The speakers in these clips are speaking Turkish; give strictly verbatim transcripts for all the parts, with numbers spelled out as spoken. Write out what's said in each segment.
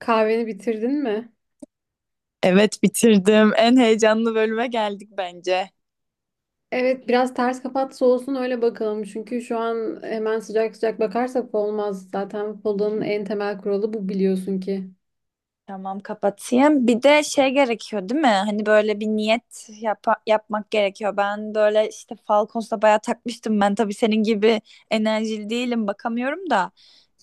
Kahveni bitirdin mi? Evet bitirdim. En heyecanlı bölüme geldik bence. Evet, biraz ters kapat olsun öyle bakalım. Çünkü şu an hemen sıcak sıcak bakarsak olmaz. Zaten Pola'nın en temel kuralı bu, biliyorsun ki. Tamam kapatayım. Bir de şey gerekiyor değil mi? Hani böyle bir niyet yapa- yapmak gerekiyor. Ben böyle işte Falcons'la bayağı takmıştım. Ben tabii senin gibi enerjili değilim bakamıyorum da.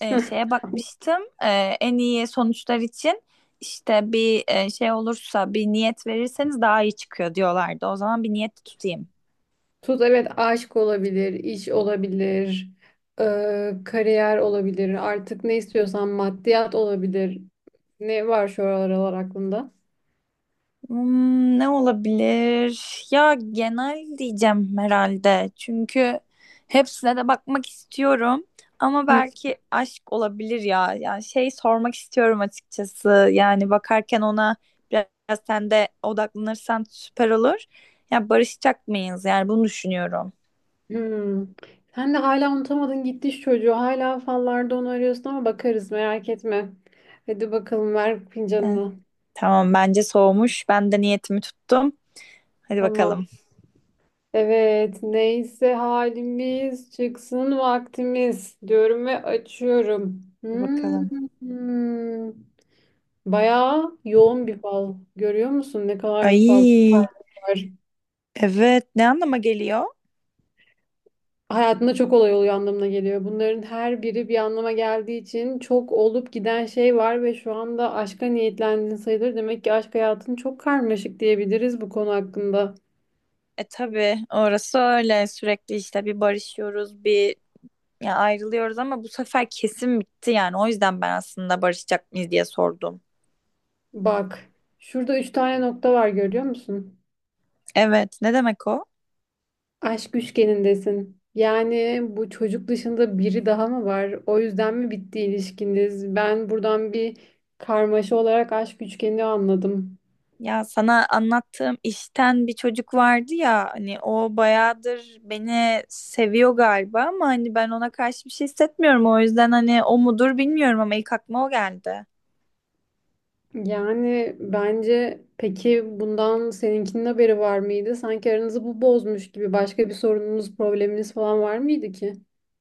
Ee, şeye bakmıştım. Ee, en iyi sonuçlar için işte bir e, şey olursa bir niyet verirseniz daha iyi çıkıyor diyorlardı. O zaman bir niyet tutayım. Tut, evet, aşk olabilir, iş olabilir, eee, kariyer olabilir. Artık ne istiyorsan, maddiyat olabilir. Ne var şu aralar aklında? Hmm, ne olabilir? Ya genel diyeceğim herhalde. Çünkü hepsine de bakmak istiyorum. Ama Hı. belki aşk olabilir ya. Yani şey sormak istiyorum açıkçası. Yani bakarken ona biraz sen de odaklanırsan süper olur. Ya barışacak mıyız? Yani bunu düşünüyorum. Hmm. Sen de hala unutamadın gitti şu çocuğu. Hala fallarda onu arıyorsun ama bakarız, merak etme. Hadi bakalım, ver Eh, fincanını. tamam bence soğumuş. Ben de niyetimi tuttum. Hadi Tamam. bakalım. Evet, neyse halimiz çıksın vaktimiz diyorum ve açıyorum. Hadi bakalım. Hmm, bayağı yoğun bir fal. Görüyor musun ne kadar fazla Ay. var? Evet, ne anlama geliyor? Hayatında çok olay oluyor anlamına geliyor. Bunların her biri bir anlama geldiği için çok olup giden şey var ve şu anda aşka niyetlendin sayılır. Demek ki aşk hayatın çok karmaşık, diyebiliriz bu konu hakkında. E tabii orası öyle, sürekli işte bir barışıyoruz bir ya ayrılıyoruz, ama bu sefer kesin bitti yani. O yüzden ben aslında barışacak mıyız diye sordum. Bak, şurada üç tane nokta var, görüyor musun? Evet, ne demek o? Aşk üçgenindesin. Yani bu çocuk dışında biri daha mı var? O yüzden mi bitti ilişkiniz? Ben buradan bir karmaşa olarak aşk üçgeni anladım. Ya sana anlattığım işten bir çocuk vardı ya. Hani o bayağıdır beni seviyor galiba, ama hani ben ona karşı bir şey hissetmiyorum. O yüzden hani o mudur bilmiyorum, ama ilk aklıma o geldi. Yani bence, peki bundan seninkinin haberi var mıydı? Sanki aranızı bu bozmuş gibi, başka bir sorununuz, probleminiz falan var mıydı ki?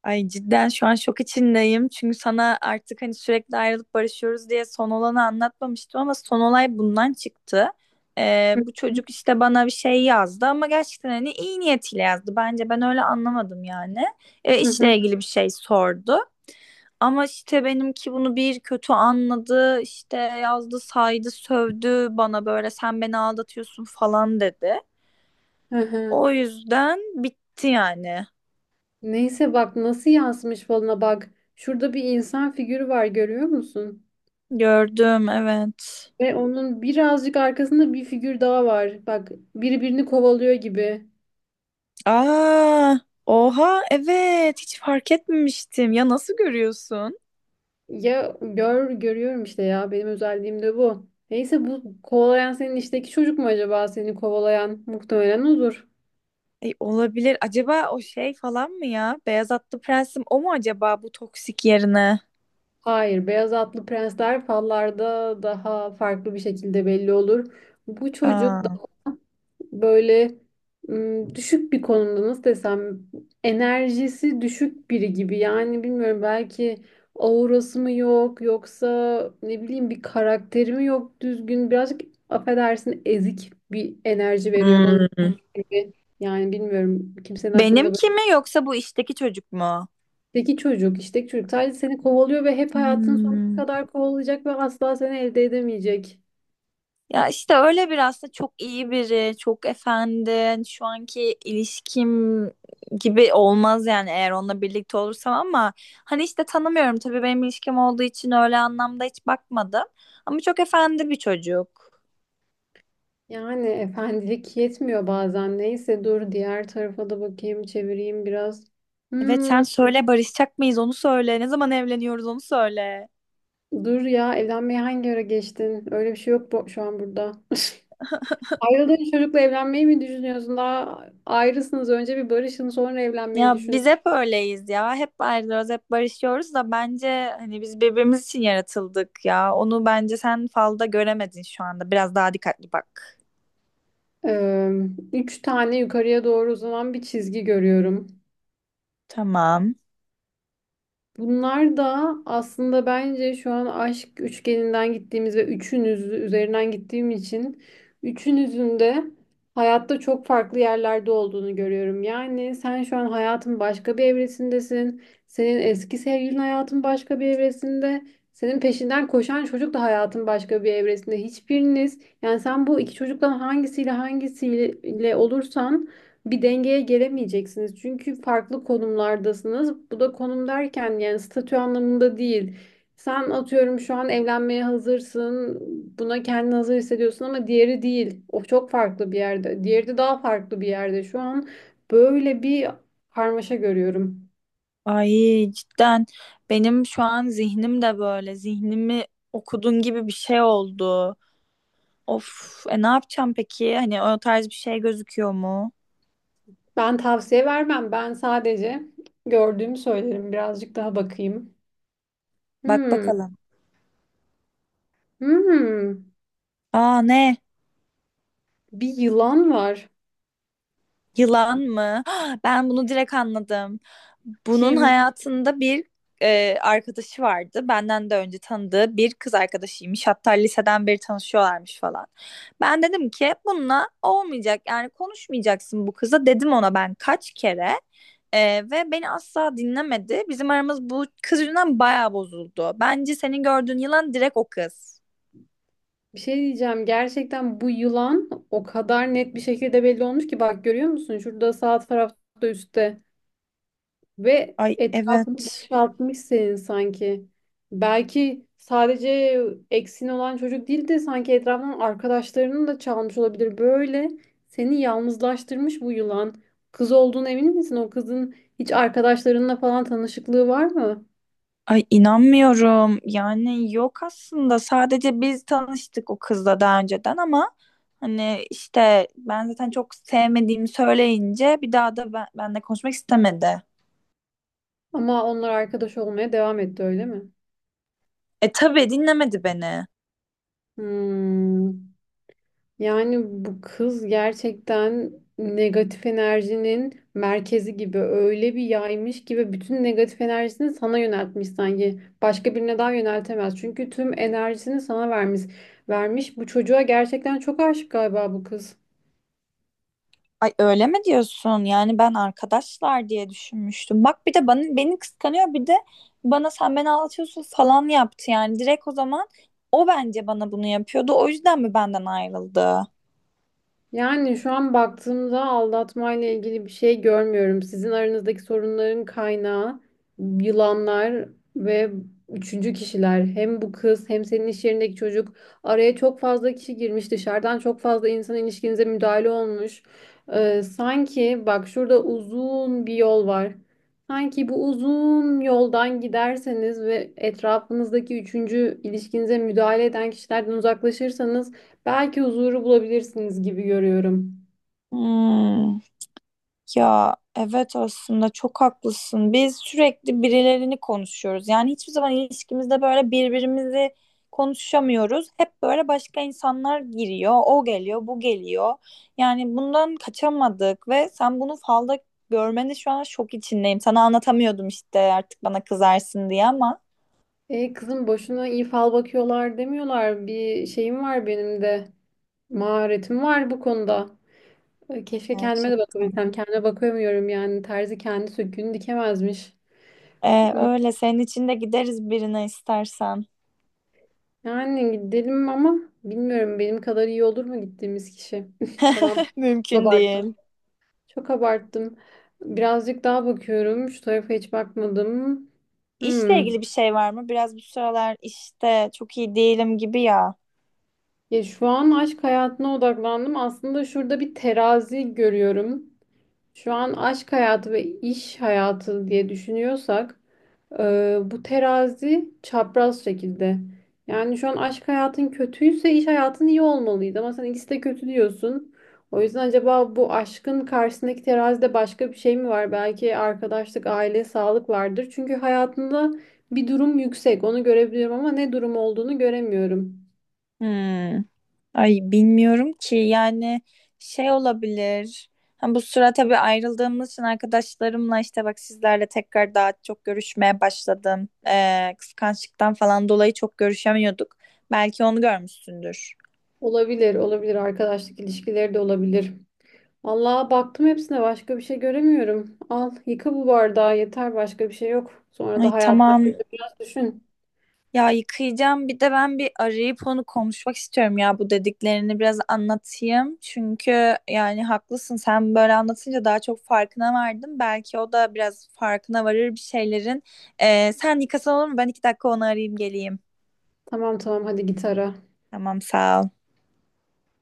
Ay cidden şu an şok içindeyim, çünkü sana artık hani sürekli ayrılıp barışıyoruz diye son olanı anlatmamıştım, ama son olay bundan çıktı. Ee, Hı Bu çocuk işte bana bir şey yazdı, ama gerçekten hani iyi niyetiyle yazdı bence. Ben öyle anlamadım yani. Ee, hı hı. hı. işle ilgili bir şey sordu. Ama işte benimki bunu bir kötü anladı, işte yazdı, saydı, sövdü bana, böyle sen beni aldatıyorsun falan dedi. Hı hı. O yüzden bitti yani. Neyse, bak nasıl yansımış falına, bak. Şurada bir insan figürü var, görüyor musun? Gördüm, evet. Ve onun birazcık arkasında bir figür daha var. Bak, birbirini kovalıyor gibi. Aa, oha, evet. Hiç fark etmemiştim. Ya nasıl görüyorsun? Ya gör görüyorum işte, ya benim özelliğim de bu. Neyse, bu kovalayan senin işteki çocuk mu acaba, seni kovalayan? Muhtemelen odur. E, olabilir. Acaba o şey falan mı ya? Beyaz Atlı Prensim o mu acaba, bu toksik yerine? Hayır, beyaz atlı prensler fallarda daha farklı bir şekilde belli olur. Bu çocuk Aa, böyle m, düşük bir konumda, nasıl desem, enerjisi düşük biri gibi. Yani bilmiyorum, belki aurası mı yok, yoksa ne bileyim, bir karakteri mi yok düzgün, birazcık, affedersin, ezik bir enerji veriyor bana hmm. gibi. Yani bilmiyorum kimsenin aklında Benimki böyle. mi yoksa bu işteki çocuk mu? Peki çocuk, işte çocuk sadece seni kovalıyor ve hep hayatının sonuna Hmm. kadar kovalayacak ve asla seni elde edemeyecek. Ya işte öyle bir aslında, çok iyi biri, çok efendi. Hani, şu anki ilişkim gibi olmaz yani, eğer onunla birlikte olursam. Ama hani işte tanımıyorum tabii, benim ilişkim olduğu için öyle anlamda hiç bakmadım. Ama çok efendi bir çocuk. Yani efendilik yetmiyor bazen. Neyse, dur diğer tarafa da bakayım, çevireyim biraz. Evet sen Hmm, söyle, barışacak mıyız onu söyle. Ne zaman evleniyoruz onu söyle. dur ya, evlenmeye hangi ara geçtin? Öyle bir şey yok bu, şu an burada. Ayrıldığın çocukla evlenmeyi mi düşünüyorsun? Daha ayrısınız. Önce bir barışın, sonra evlenmeyi Ya düşün. biz hep öyleyiz ya. Hep ayrılıyoruz, hep barışıyoruz, da bence hani biz birbirimiz için yaratıldık ya. Onu bence sen falda göremedin şu anda. Biraz daha dikkatli bak. Ee, üç tane yukarıya doğru uzanan bir çizgi görüyorum. Tamam. Bunlar da aslında bence şu an aşk üçgeninden gittiğimiz ve üçünüz üzerinden gittiğim için üçünüzün de hayatta çok farklı yerlerde olduğunu görüyorum. Yani sen şu an hayatın başka bir evresindesin. Senin eski sevgilin hayatın başka bir evresinde. Senin peşinden koşan çocuk da hayatın başka bir evresinde. Hiçbiriniz, yani sen bu iki çocuktan hangisiyle hangisiyle olursan bir dengeye gelemeyeceksiniz. Çünkü farklı konumlardasınız. Bu da konum derken yani statü anlamında değil. Sen, atıyorum, şu an evlenmeye hazırsın. Buna kendini hazır hissediyorsun ama diğeri değil. O çok farklı bir yerde. Diğeri de daha farklı bir yerde. Şu an böyle bir karmaşa görüyorum. Ay cidden benim şu an zihnim de böyle, zihnimi okudun gibi bir şey oldu. Of, e ne yapacağım peki? Hani o tarz bir şey gözüküyor mu? Ben tavsiye vermem. Ben sadece gördüğümü söylerim. Birazcık daha bakayım. Bak Hmm. bakalım. Hmm. Aa ne? Bir yılan var. Yılan mı? Ben bunu direkt anladım. Bunun Kim? hayatında bir e, arkadaşı vardı. Benden de önce tanıdığı bir kız arkadaşıymış. Hatta liseden beri tanışıyorlarmış falan. Ben dedim ki bununla olmayacak. Yani konuşmayacaksın bu kıza. Dedim ona ben kaç kere. E, ve beni asla dinlemedi. Bizim aramız bu kız yüzünden bayağı bozuldu. Bence senin gördüğün yılan direkt o kız. Bir şey diyeceğim. Gerçekten bu yılan o kadar net bir şekilde belli olmuş ki, bak görüyor musun? Şurada sağ tarafta, üstte, ve Ay etrafını evet. boşaltmış senin sanki. Belki sadece eksin olan çocuk değil de sanki etrafından arkadaşlarının da çalmış olabilir. Böyle seni yalnızlaştırmış bu yılan. Kız olduğuna emin misin? O kızın hiç arkadaşlarınla falan tanışıklığı var mı? Ay inanmıyorum. Yani yok aslında. Sadece biz tanıştık o kızla daha önceden, ama hani işte ben zaten çok sevmediğimi söyleyince bir daha da ben, benle konuşmak istemedi. Ama onlar arkadaş olmaya devam etti öyle mi? E tabii dinlemedi beni. Hmm. Yani bu kız gerçekten negatif enerjinin merkezi gibi, öyle bir yaymış ki ve bütün negatif enerjisini sana yöneltmiş sanki. Başka birine daha yöneltemez. Çünkü tüm enerjisini sana vermiş. Vermiş. Bu çocuğa gerçekten çok aşık galiba bu kız. Ay öyle mi diyorsun? Yani ben arkadaşlar diye düşünmüştüm. Bak bir de bana, beni kıskanıyor. Bir de bana sen beni aldatıyorsun falan yaptı. Yani direkt o zaman o bence bana bunu yapıyordu. O yüzden mi benden ayrıldı? Yani şu an baktığımda aldatmayla ilgili bir şey görmüyorum. Sizin aranızdaki sorunların kaynağı yılanlar ve üçüncü kişiler. Hem bu kız hem senin iş yerindeki çocuk. Araya çok fazla kişi girmiş. Dışarıdan çok fazla insan ilişkinize müdahale olmuş. Ee, sanki bak şurada uzun bir yol var. Sanki bu uzun yoldan giderseniz ve etrafınızdaki üçüncü ilişkinize müdahale eden kişilerden uzaklaşırsanız, belki huzuru bulabilirsiniz gibi görüyorum. Hmm. Ya evet aslında çok haklısın. Biz sürekli birilerini konuşuyoruz. Yani hiçbir zaman ilişkimizde böyle birbirimizi konuşamıyoruz. Hep böyle başka insanlar giriyor. O geliyor, bu geliyor. Yani bundan kaçamadık, ve sen bunu falda görmeni şu an şok içindeyim. Sana anlatamıyordum işte, artık bana kızarsın diye ama. E, kızım, boşuna iyi fal bakıyorlar demiyorlar. Bir şeyim var benim de. Maharetim var bu konuda. E, keşke kendime de Gerçekten. bakabilsem. Kendime bakamıyorum yani. Terzi kendi söküğünü dikemezmiş. Ee Hmm, Öyle senin için de gideriz birine istersen. Yani gidelim ama bilmiyorum benim kadar iyi olur mu gittiğimiz kişi. Tamam. Çok Mümkün abarttım. değil. Çok abarttım. Birazcık daha bakıyorum. Şu tarafa hiç bakmadım. İşle Hmm. ilgili bir şey var mı? Biraz bu sıralar işte çok iyi değilim gibi ya. Ya şu an aşk hayatına odaklandım. Aslında şurada bir terazi görüyorum. Şu an aşk hayatı ve iş hayatı diye düşünüyorsak, e, bu terazi çapraz şekilde. Yani şu an aşk hayatın kötüyse iş hayatın iyi olmalıydı ama sen ikisi de kötü diyorsun. O yüzden acaba bu aşkın karşısındaki terazide başka bir şey mi var? Belki arkadaşlık, aile, sağlık vardır. Çünkü hayatında bir durum yüksek. Onu görebiliyorum ama ne durum olduğunu göremiyorum. Hmm. Ay bilmiyorum ki, yani şey olabilir. Ha, bu sıra tabii ayrıldığımız için arkadaşlarımla, işte bak sizlerle, tekrar daha çok görüşmeye başladım. Ee, kıskançlıktan falan dolayı çok görüşemiyorduk. Belki onu görmüşsündür. Olabilir, olabilir. Arkadaşlık ilişkileri de olabilir. Vallahi baktım hepsine, başka bir şey göremiyorum. Al, yıka bu bardağı, yeter, başka bir şey yok. Sonra Ay da hayat tamam. hakkında biraz düşün. Ya yıkayacağım. Bir de ben bir arayıp onu konuşmak istiyorum ya, bu dediklerini biraz anlatayım. Çünkü yani haklısın. Sen böyle anlatınca daha çok farkına vardım. Belki o da biraz farkına varır bir şeylerin. Ee, sen yıkasan olur mu? Ben iki dakika onu arayayım geleyim. Tamam tamam, hadi git ara. Tamam sağ ol.